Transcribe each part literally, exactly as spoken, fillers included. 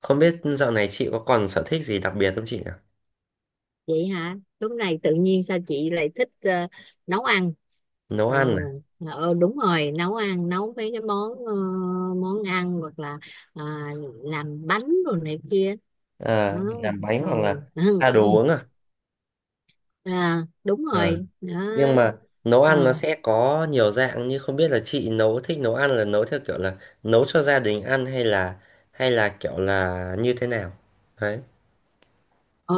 Không biết dạo này chị có còn sở thích gì đặc biệt không chị nhỉ? Vậy hả? Lúc này tự nhiên sao chị lại thích ờ, nấu ăn? Nấu Ờ ăn à? ờ, đúng rồi, nấu ăn, nấu mấy cái món ờ, món ăn, hoặc là à, làm bánh rồi này kia đó. Ờ, làm bánh ờ, hoặc là Ừ. à, đồ uống à? À, đúng Ờ. rồi đó. Nhưng mà nấu ăn nó Ờ sẽ có nhiều dạng, như không biết là chị nấu thích nấu ăn là nấu theo kiểu là nấu cho gia đình ăn, hay là hay là kiểu là như thế nào? Đấy. Ờ,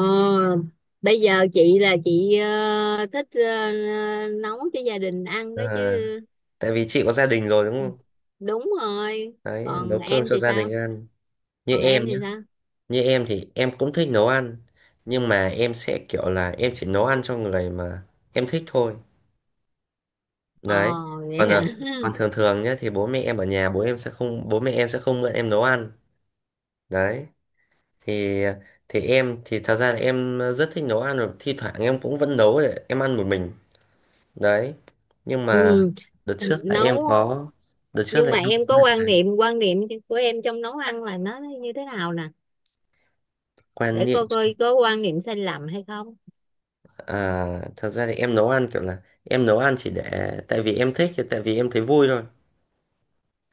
bây giờ chị là chị ờ, thích ờ, nấu cho gia đình ăn Ờ, đó chứ. tại vì chị có gia đình rồi đúng không? Đúng rồi. Đấy, nấu Còn cơm em cho thì gia sao? đình ăn. Như Còn em em nhé, thì sao? như em thì em cũng thích nấu ăn. Nhưng mà em sẽ kiểu là em chỉ nấu ăn cho người mà em thích thôi. Ồ, Đấy. vậy còn hả? à, còn thường thường nhé, thì bố mẹ em ở nhà, bố em sẽ không bố mẹ em sẽ không mượn em nấu ăn. Đấy. Thì thì em thì thật ra là em ờ, rất thích nấu ăn, và thi thoảng em cũng vẫn nấu để em ăn một mình. Đấy. Nhưng mà Ừ. đợt trước là em Nấu. có đợt trước Nhưng là mà em em có có quan niệm quan niệm của em trong nấu ăn là nó như thế nào nè, quan để niệm. coi coi có quan niệm sai lầm hay không. À, thật ra thì em nấu ăn kiểu là em nấu ăn chỉ để, tại vì em thích, tại vì em thấy vui thôi.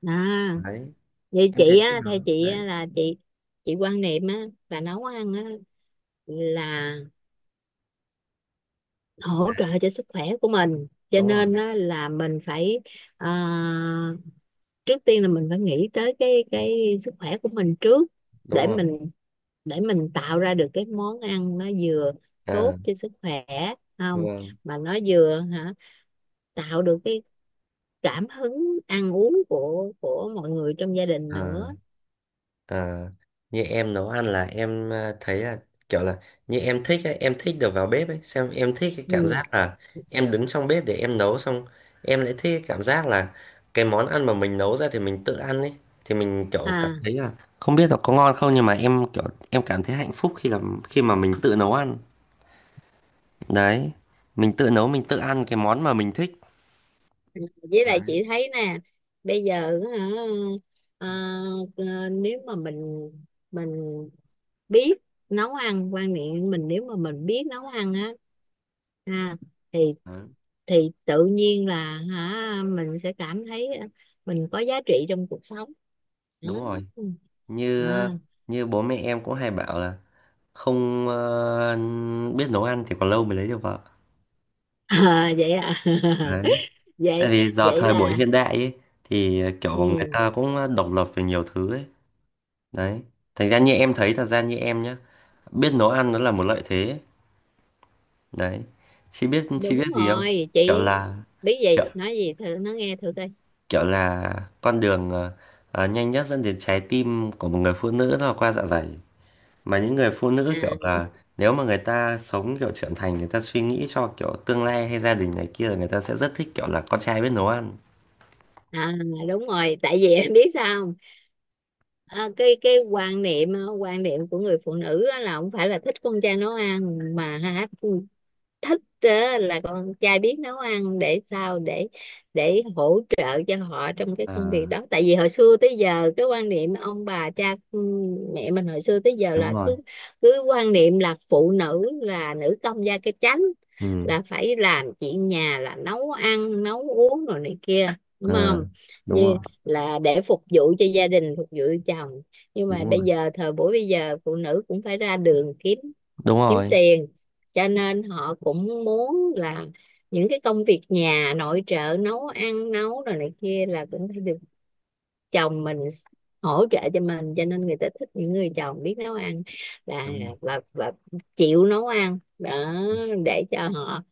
À, Đấy, vậy em thấy chị thích á, theo nấu. chị Đấy. á, là chị chị quan niệm á là nấu ăn á là hỗ Là- trợ cho sức khỏe của mình, cho đúng rồi nên á là mình phải à, trước tiên là mình phải nghĩ tới cái cái sức khỏe của mình trước, đúng để rồi. mình, để mình tạo ra được cái món ăn nó vừa À, tốt cho sức khỏe, không vâng. mà nó vừa hả, tạo được cái cảm hứng ăn uống của của mọi người trong gia đình nữa. À. Ờ, như em nấu ăn là em ờ, thấy là, kiểu là, như em thích ấy, em thích được vào bếp ấy, xem em thích cái cảm giác Ừ. là em đứng trong bếp để em nấu, xong em lại thích cái cảm giác là cái món ăn mà mình nấu ra thì mình tự ăn ấy, thì mình kiểu cảm À, thấy là không biết là có ngon không, nhưng mà em kiểu em cảm thấy hạnh phúc khi làm khi mà mình tự nấu ăn. Đấy, mình tự nấu mình tự ăn cái món mà mình thích. với lại Đấy, chị thấy nè, bây giờ hả, à, à, nếu mà mình mình biết nấu ăn, quan niệm mình, nếu mà mình biết nấu ăn á, à, thì đấy, thì tự nhiên là hả mình sẽ cảm thấy mình có giá trị trong cuộc sống đúng rồi. đó. như À, như bố mẹ em cũng hay bảo là không ờ, biết nấu ăn thì còn lâu mới lấy được vợ. à, vậy à? Đấy, tại Vậy, vì giờ vậy thời buổi là hiện đại ấy, thì ờ, kiểu người ừ, ta cũng độc lập về nhiều thứ ấy. Đấy, thành ra như em thấy, thật ra như em nhá, biết nấu ăn nó là một lợi thế ấy. Đấy, chị biết chị biết đúng gì không? rồi. kiểu Chị là biết gì kiểu, nói gì thử, nó nghe thử coi. kiểu là con đường ờ, ờ, nhanh nhất dẫn đến trái tim của một người phụ nữ nó là qua dạ dày, mà những người phụ À, nữ kiểu là, nếu mà người ta sống kiểu trưởng thành, người ta suy nghĩ cho kiểu tương lai hay gia đình này kia, là người ta sẽ rất thích kiểu là con trai biết nấu ăn. à, đúng rồi. Tại vì em biết sao không? À, cái cái quan niệm, à, quan niệm của người phụ nữ á là không phải là thích con trai nấu ăn, mà hả, thích á, là con trai biết nấu ăn để sao, để để hỗ trợ cho họ trong cái công việc À, đó. Tại vì hồi xưa tới giờ cái quan niệm ông bà cha ừ, mẹ mình hồi xưa tới giờ đúng là rồi. cứ cứ quan niệm là phụ nữ là nữ công gia cái chánh, Ừ. là phải làm chuyện nhà, là nấu ăn nấu uống rồi này kia, đúng không? Ờ, đúng Như rồi, là để phục vụ cho gia đình, phục vụ chồng. Nhưng mà đúng bây rồi, giờ thời buổi bây giờ phụ nữ cũng phải ra đường kiếm đúng kiếm rồi, tiền, cho nên họ cũng muốn là những cái công việc nhà nội trợ, nấu ăn nấu rồi này kia là cũng phải được chồng mình hỗ trợ cho mình, cho nên người ta thích những người chồng biết nấu ăn là đúng rồi. và, và chịu nấu ăn đó, để cho họ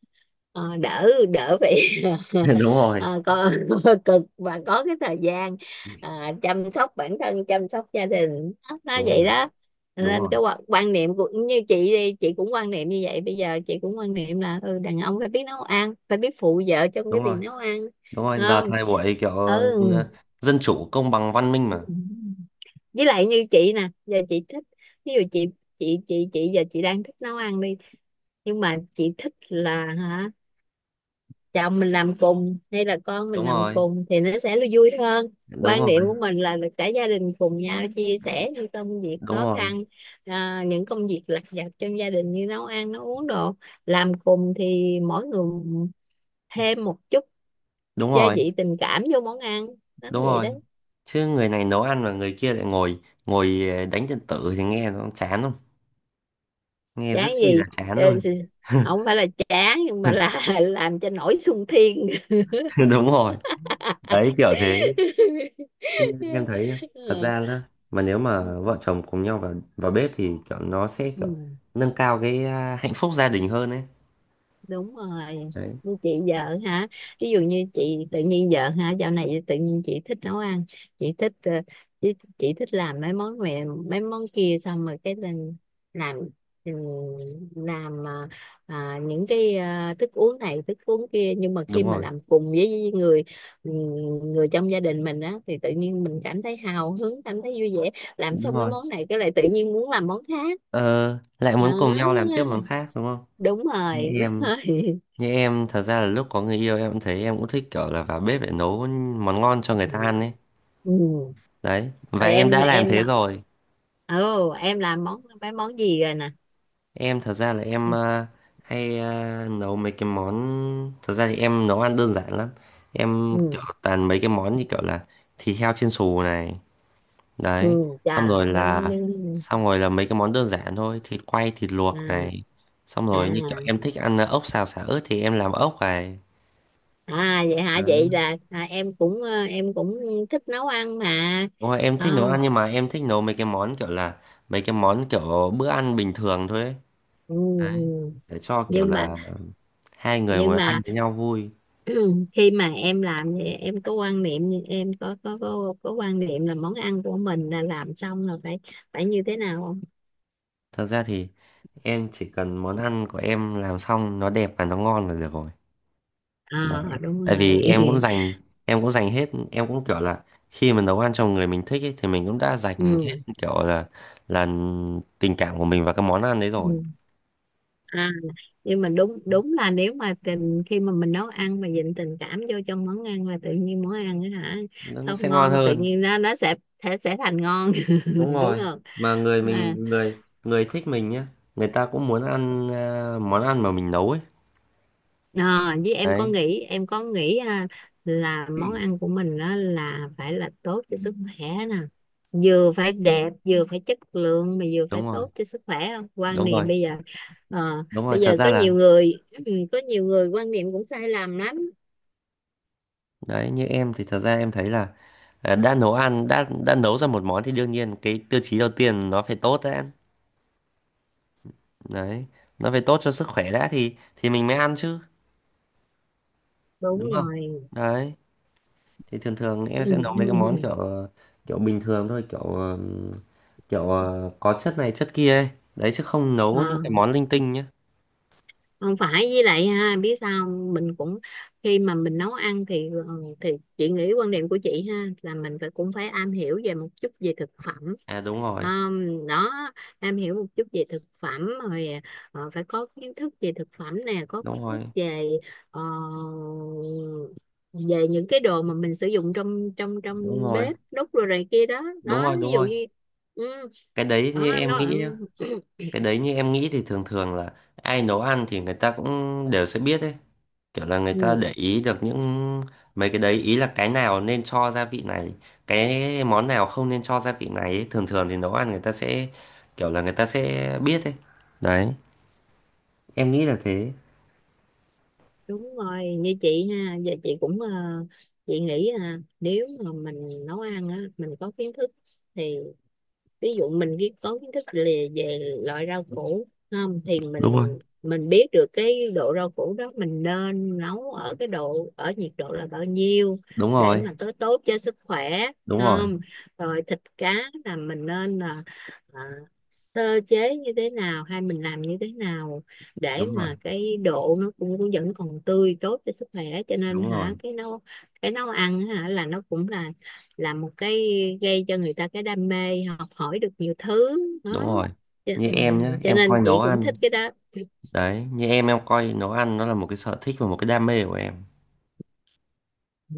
ờ, đỡ đỡ phải Đúng rồi, ờ, có cực, và có cái thời gian ờ, chăm sóc bản thân, chăm sóc gia đình, nó nó đúng vậy rồi, đó. Cho đúng nên rồi, cái quan quan niệm của như chị đi, chị cũng quan niệm như vậy, bây giờ chị cũng quan niệm là ừ, đàn ông phải biết nấu ăn, phải biết phụ vợ trong cái đúng việc rồi, nấu ăn. đúng rồi, giờ Không? thời buổi kiểu ờ, dân chủ công bằng văn minh mà. Ừ, với lại như chị nè, giờ chị thích, ví dụ chị, chị chị chị giờ chị đang thích nấu ăn đi, nhưng mà chị thích là hả, chồng mình làm cùng hay là con mình Đúng làm rồi, cùng thì nó sẽ là vui hơn. đúng Quan rồi, điểm của mình là, là cả gia đình cùng nhau chia sẻ những công việc đúng khó rồi, khăn, à, những công việc lặt vặt trong gia đình như nấu ăn nấu uống đồ, làm cùng thì mỗi người thêm một chút đúng gia rồi, vị tình cảm vô món ăn lắm đúng vậy đó. rồi, chứ người này nấu ăn mà người kia lại ngồi ngồi ờ, đánh điện tử thì nghe nó chán không, nghe Chán rất chi là gì. chán Ờ, luôn. không phải là chán, nhưng mà là làm cho nổi sung thiên. Đúng rồi, đấy kiểu thế, chứ em thấy thật ra đó, mà nếu Ừ. mà vợ chồng cùng nhau vào vào bếp thì kiểu nó sẽ kiểu Ừ. nâng cao cái à, hạnh phúc gia đình hơn ấy. Đúng rồi. Đấy, Như chị vợ hả, ví dụ như chị tự nhiên vợ hả, dạo này tự nhiên chị thích nấu ăn, chị thích ờ, chị, chị thích làm mấy món này mấy món kia xong rồi cái lên làm ừ, làm à, à, những cái à, thức uống này thức uống kia, nhưng mà khi đúng mà rồi, làm cùng với người ừ, người trong gia đình mình á thì tự nhiên mình cảm thấy hào hứng, cảm thấy vui vẻ, làm đúng xong cái rồi, món này cái lại tự nhiên muốn làm món khác. ờ, lại À, muốn cùng nhau làm tiếp món khác đúng không. đúng như rồi, em đúng như em thật ra là lúc có người yêu, em cũng thấy, em cũng thích kiểu là vào bếp để nấu món ngon cho người ta rồi. ăn ấy. Ừ. Đấy, và Rồi em em đã làm em thế nấu. rồi. Ồ, em làm món mấy món gì rồi nè? Em thật ra là em ờ, hay ờ, nấu mấy cái món, thật ra thì em nấu ăn đơn giản lắm. Em Ừ. kiểu toàn mấy cái món như kiểu là thịt heo chiên xù này. Ừ, Đấy. chà Xong rồi mấy món là đấy. Xong rồi là mấy cái món đơn giản thôi, thịt quay, thịt À, luộc này. Xong rồi như kiểu à, em thích ăn ờ, ốc xào xả ớt thì em làm ốc này. à, vậy hả? Đấy. Vậy là à, em cũng ờ, em cũng thích nấu ăn mà. Đúng rồi, em thích nấu Không. ăn, nhưng mà em thích nấu mấy cái món kiểu là mấy cái món kiểu bữa ăn bình thường thôi ấy. Ừ, Đấy, ừ. để cho kiểu Nhưng mà, là hai người nhưng ngồi ăn mà với nhau vui. khi mà em làm thì em có quan niệm, em có có có có quan niệm là món ăn của mình là làm xong là phải, phải như thế nào, không? Thật ra thì em chỉ cần món ăn của em làm xong nó đẹp và nó ngon là được rồi. Đấy. À, đúng Tại vì rồi. em cũng dành em cũng dành hết, em cũng kiểu là khi mà nấu ăn cho người mình thích ấy, thì mình cũng đã dành hết Ừ. kiểu là là tình cảm của mình vào cái món ăn đấy Ừ. rồi. À, nhưng mà đúng, đúng là nếu mà tình, khi mà mình nấu ăn mà dịnh tình cảm vô trong món ăn là tự nhiên món ăn á hả, Nó, nó không sẽ ngon ngon tự hơn. nhiên nó nó sẽ sẽ, sẽ thành ngon, Đúng đúng rồi. không? Mà người À, mình người người thích mình nhá, người ta cũng muốn ăn à, món ăn mà mình nấu ấy. à, với em có Đấy, nghĩ, em có nghĩ à, là món ăn của mình đó là phải là tốt cho sức khỏe nè, vừa phải đẹp, vừa phải chất lượng, mà vừa phải đúng rồi. tốt cho sức khỏe, không quan Đúng niệm rồi. bây giờ ờ, Đúng rồi, bây thật giờ ra có là. nhiều người có nhiều người quan niệm cũng sai lầm lắm. Đấy, như em thì thật ra em thấy là à, đã nấu ăn đã đã nấu ra một món thì đương nhiên cái tiêu chí đầu tiên nó phải tốt đã. Đấy, nó phải tốt cho sức khỏe đã, thì thì mình mới ăn chứ, Đúng đúng không. rồi. Đấy, thì thường thường em sẽ nấu mấy cái món kiểu ờ, kiểu bình thường thôi, kiểu ờ, kiểu ờ, có chất này chất kia ấy. Đấy, chứ không Ờ, nấu những cái món linh tinh nhá. không phải, với lại ha biết sao không? Mình cũng khi mà mình nấu ăn thì ờ, thì chị nghĩ quan điểm của chị ha là mình phải cũng phải am hiểu về một chút về thực phẩm. À, đúng rồi, Ờm, đó, am hiểu một chút về thực phẩm rồi ờ, phải có kiến thức về thực phẩm nè, có đúng kiến thức rồi, về ờ, về những cái đồ mà mình sử dụng trong trong đúng trong rồi, bếp đút rồi này kia đó đúng đó, rồi, ví đúng dụ rồi. như ừ, cái đấy như đó em nó nghĩ nhá cái đấy như em nghĩ thì thường thường là ai nấu ăn thì người ta cũng đều sẽ biết ấy, kiểu là người ta ừ. để ý được những mấy cái đấy, ý là cái nào nên cho gia vị này, cái món nào không nên cho gia vị này ấy. Thường thường thì nấu ăn người ta sẽ kiểu là người ta sẽ biết ấy. Đấy, em nghĩ là thế. Đúng rồi, như chị ha, giờ chị cũng ờ, chị nghĩ là nếu mà mình nấu ăn á, mình có kiến thức thì ví dụ mình cái có kiến thức lì- về loại rau củ không thì Đúng rồi, mình mình biết được cái độ rau củ đó mình nên nấu ở cái độ, ở nhiệt độ là bao nhiêu đúng để rồi, mà tới tốt cho sức khỏe, đúng rồi, không, rồi thịt cá là mình nên là à, sơ chế như thế nào hay mình làm như thế nào để đúng rồi, mà cái độ nó cũng vẫn còn tươi, tốt cho sức khỏe, cho nên đúng rồi, hả cái nấu, cái nấu ăn hả là nó cũng là là một cái gây cho người ta cái đam mê học hỏi được nhiều thứ đó. đúng rồi, Cho, như ừ, em nhá cho em nên coi chị nấu cũng thích ăn. cái đó. Đấy, như em em coi nấu ăn nó là một cái sở thích và một cái đam mê của em.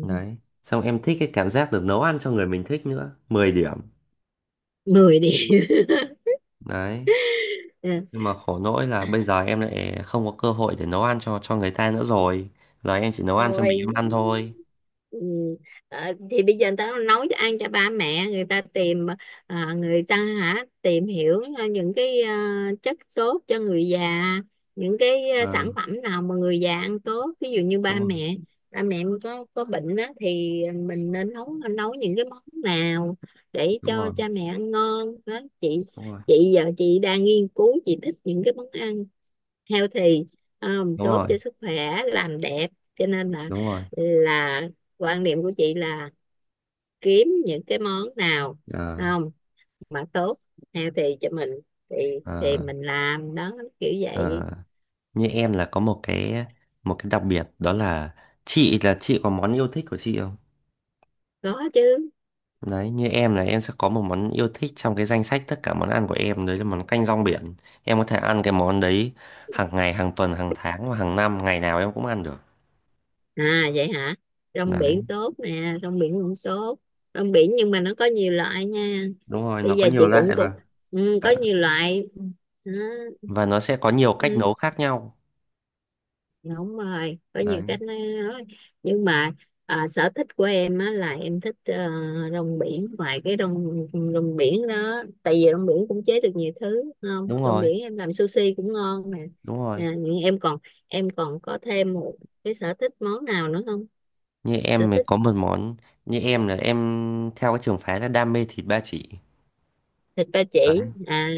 Đấy, xong em thích cái cảm giác được nấu ăn cho người mình thích nữa, mười điểm. Mười đi. Đấy, nhưng mà khổ nỗi là bây giờ em lại không có cơ hội để nấu ăn cho cho người ta nữa rồi, giờ em chỉ nấu ăn cho Thôi, mình em ăn thôi. ừ. Ờ, thì bây giờ người ta nấu cho ăn cho ba mẹ, người ta tìm à, người ta hả tìm hiểu ờ, những cái à, chất tốt cho người già, những cái à, Ờ, sản phẩm nào mà người già ăn tốt, ví dụ như đúng ba rồi, mẹ, ba mẹ có có bệnh đó thì mình nên nấu, nấu những cái món nào để đúng cho rồi, cha mẹ ăn ngon đó chị. đúng rồi, Chị giờ chị đang nghiên cứu, chị thích những cái món ăn healthy, um, đúng tốt rồi, cho sức khỏe, làm đẹp, cho nên là đúng rồi. là quan niệm của chị là kiếm những cái món nào Ờ, không mà tốt, healthy cho mình thì thì ờ, mình làm đó, kiểu vậy. ờ. Như em là có một cái một cái đặc biệt đó là, chị là chị có món yêu thích của chị không? Có chứ. Đấy, như em là em sẽ có một món yêu thích trong cái danh sách tất cả món ăn của em, đấy là món canh rong biển. Em có thể ăn cái món đấy hàng ngày, hàng tuần, hàng tháng, và hàng năm, ngày nào em cũng ăn được. À, vậy hả? Rong biển Đấy, tốt nè, rong biển cũng tốt. Rong biển nhưng mà nó có nhiều loại nha, đúng rồi, nó bây có giờ nhiều chị cũng loại, và cũng ừ, có nhiều loại, ừ, và nó sẽ có nhiều cách ừ, nấu khác nhau. đúng rồi có nhiều Đấy, cách nói. Nhưng mà à, sở thích của em á, là em thích ờ, rong biển, ngoài cái rong rong biển đó, tại vì rong biển cũng chế được nhiều thứ đúng không, đúng rong rồi, biển em làm sushi cũng ngon nè. đúng rồi, Nè, nhưng em còn, em còn có thêm một cái sở thích món nào nữa không? như Sở em mới thích. có một món, như em là em theo cái trường phái là đam mê thịt ba chỉ. Thịt ba Đấy, chỉ à?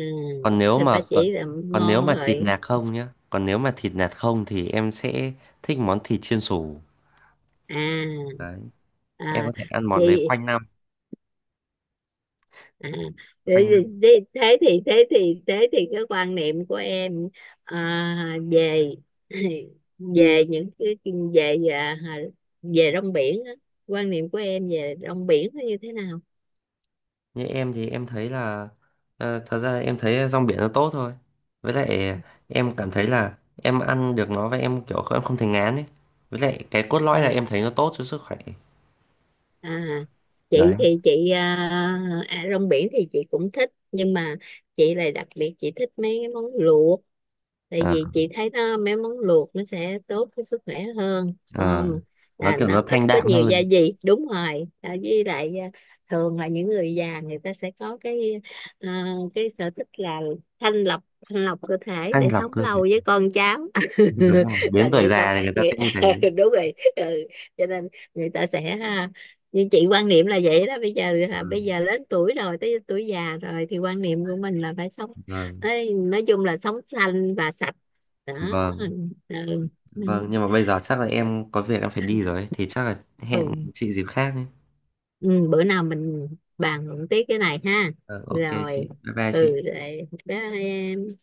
còn nếu Thịt mà ba còn, chỉ là còn nếu ngon mà thịt rồi. nạc không nhá còn nếu mà thịt nạc không thì em sẽ thích món thịt chiên xù. À, Đấy, em có à, thể ăn món đấy vậy. quanh năm, À, thế, quanh thì- thế thì thế thì thế thì cái quan niệm của em à, về về những cái, về về về rong biển á, quan niệm của em về rong biển nó như thế nào? Như em thì em thấy là ờ, thật ra em thấy rong biển nó tốt thôi. Với lại em cảm thấy là em ăn được nó, và em kiểu em không thấy ngán ấy. Với lại cái cốt lõi là À, em thấy nó tốt cho sức khỏe. à, Đấy. chị thì chị à, à, rong biển thì chị cũng thích, nhưng mà chị lại đặc biệt chị thích mấy cái món luộc, tại Ờ, vì chị thấy nó, mấy món luộc nó sẽ tốt với sức khỏe hơn, ờ. không Nó là kiểu nó nó thanh ít có đạm nhiều gia hơn, vị, đúng rồi à, với lại à, thường là những người già người ta sẽ có cái à, cái sở thích là thanh lọc, thanh lọc cơ thể thanh để lọc sống cơ thể. lâu với con cháu. Đúng không? Là Đến tuổi người ta, già thì người ta người, sẽ như thế. đúng rồi ừ. Cho nên người ta sẽ à, như chị quan niệm là vậy đó, bây giờ à, Ừ, bây giờ lớn tuổi rồi, tới tuổi già rồi thì quan niệm của mình là phải sống, vâng, ê, nói chung là sống xanh và sạch đó. Ừ. vâng, Ừ. vâng. Ừ. Nhưng mà bây giờ chắc là em có việc em phải đi rồi ấy, thì chắc là Ừ. hẹn chị dịp khác nhé. Ừ, bữa nào mình bàn luận tiếp cái này ha. Ờ, ok Rồi, chị. Bye bye chị. ừ, rồi bye.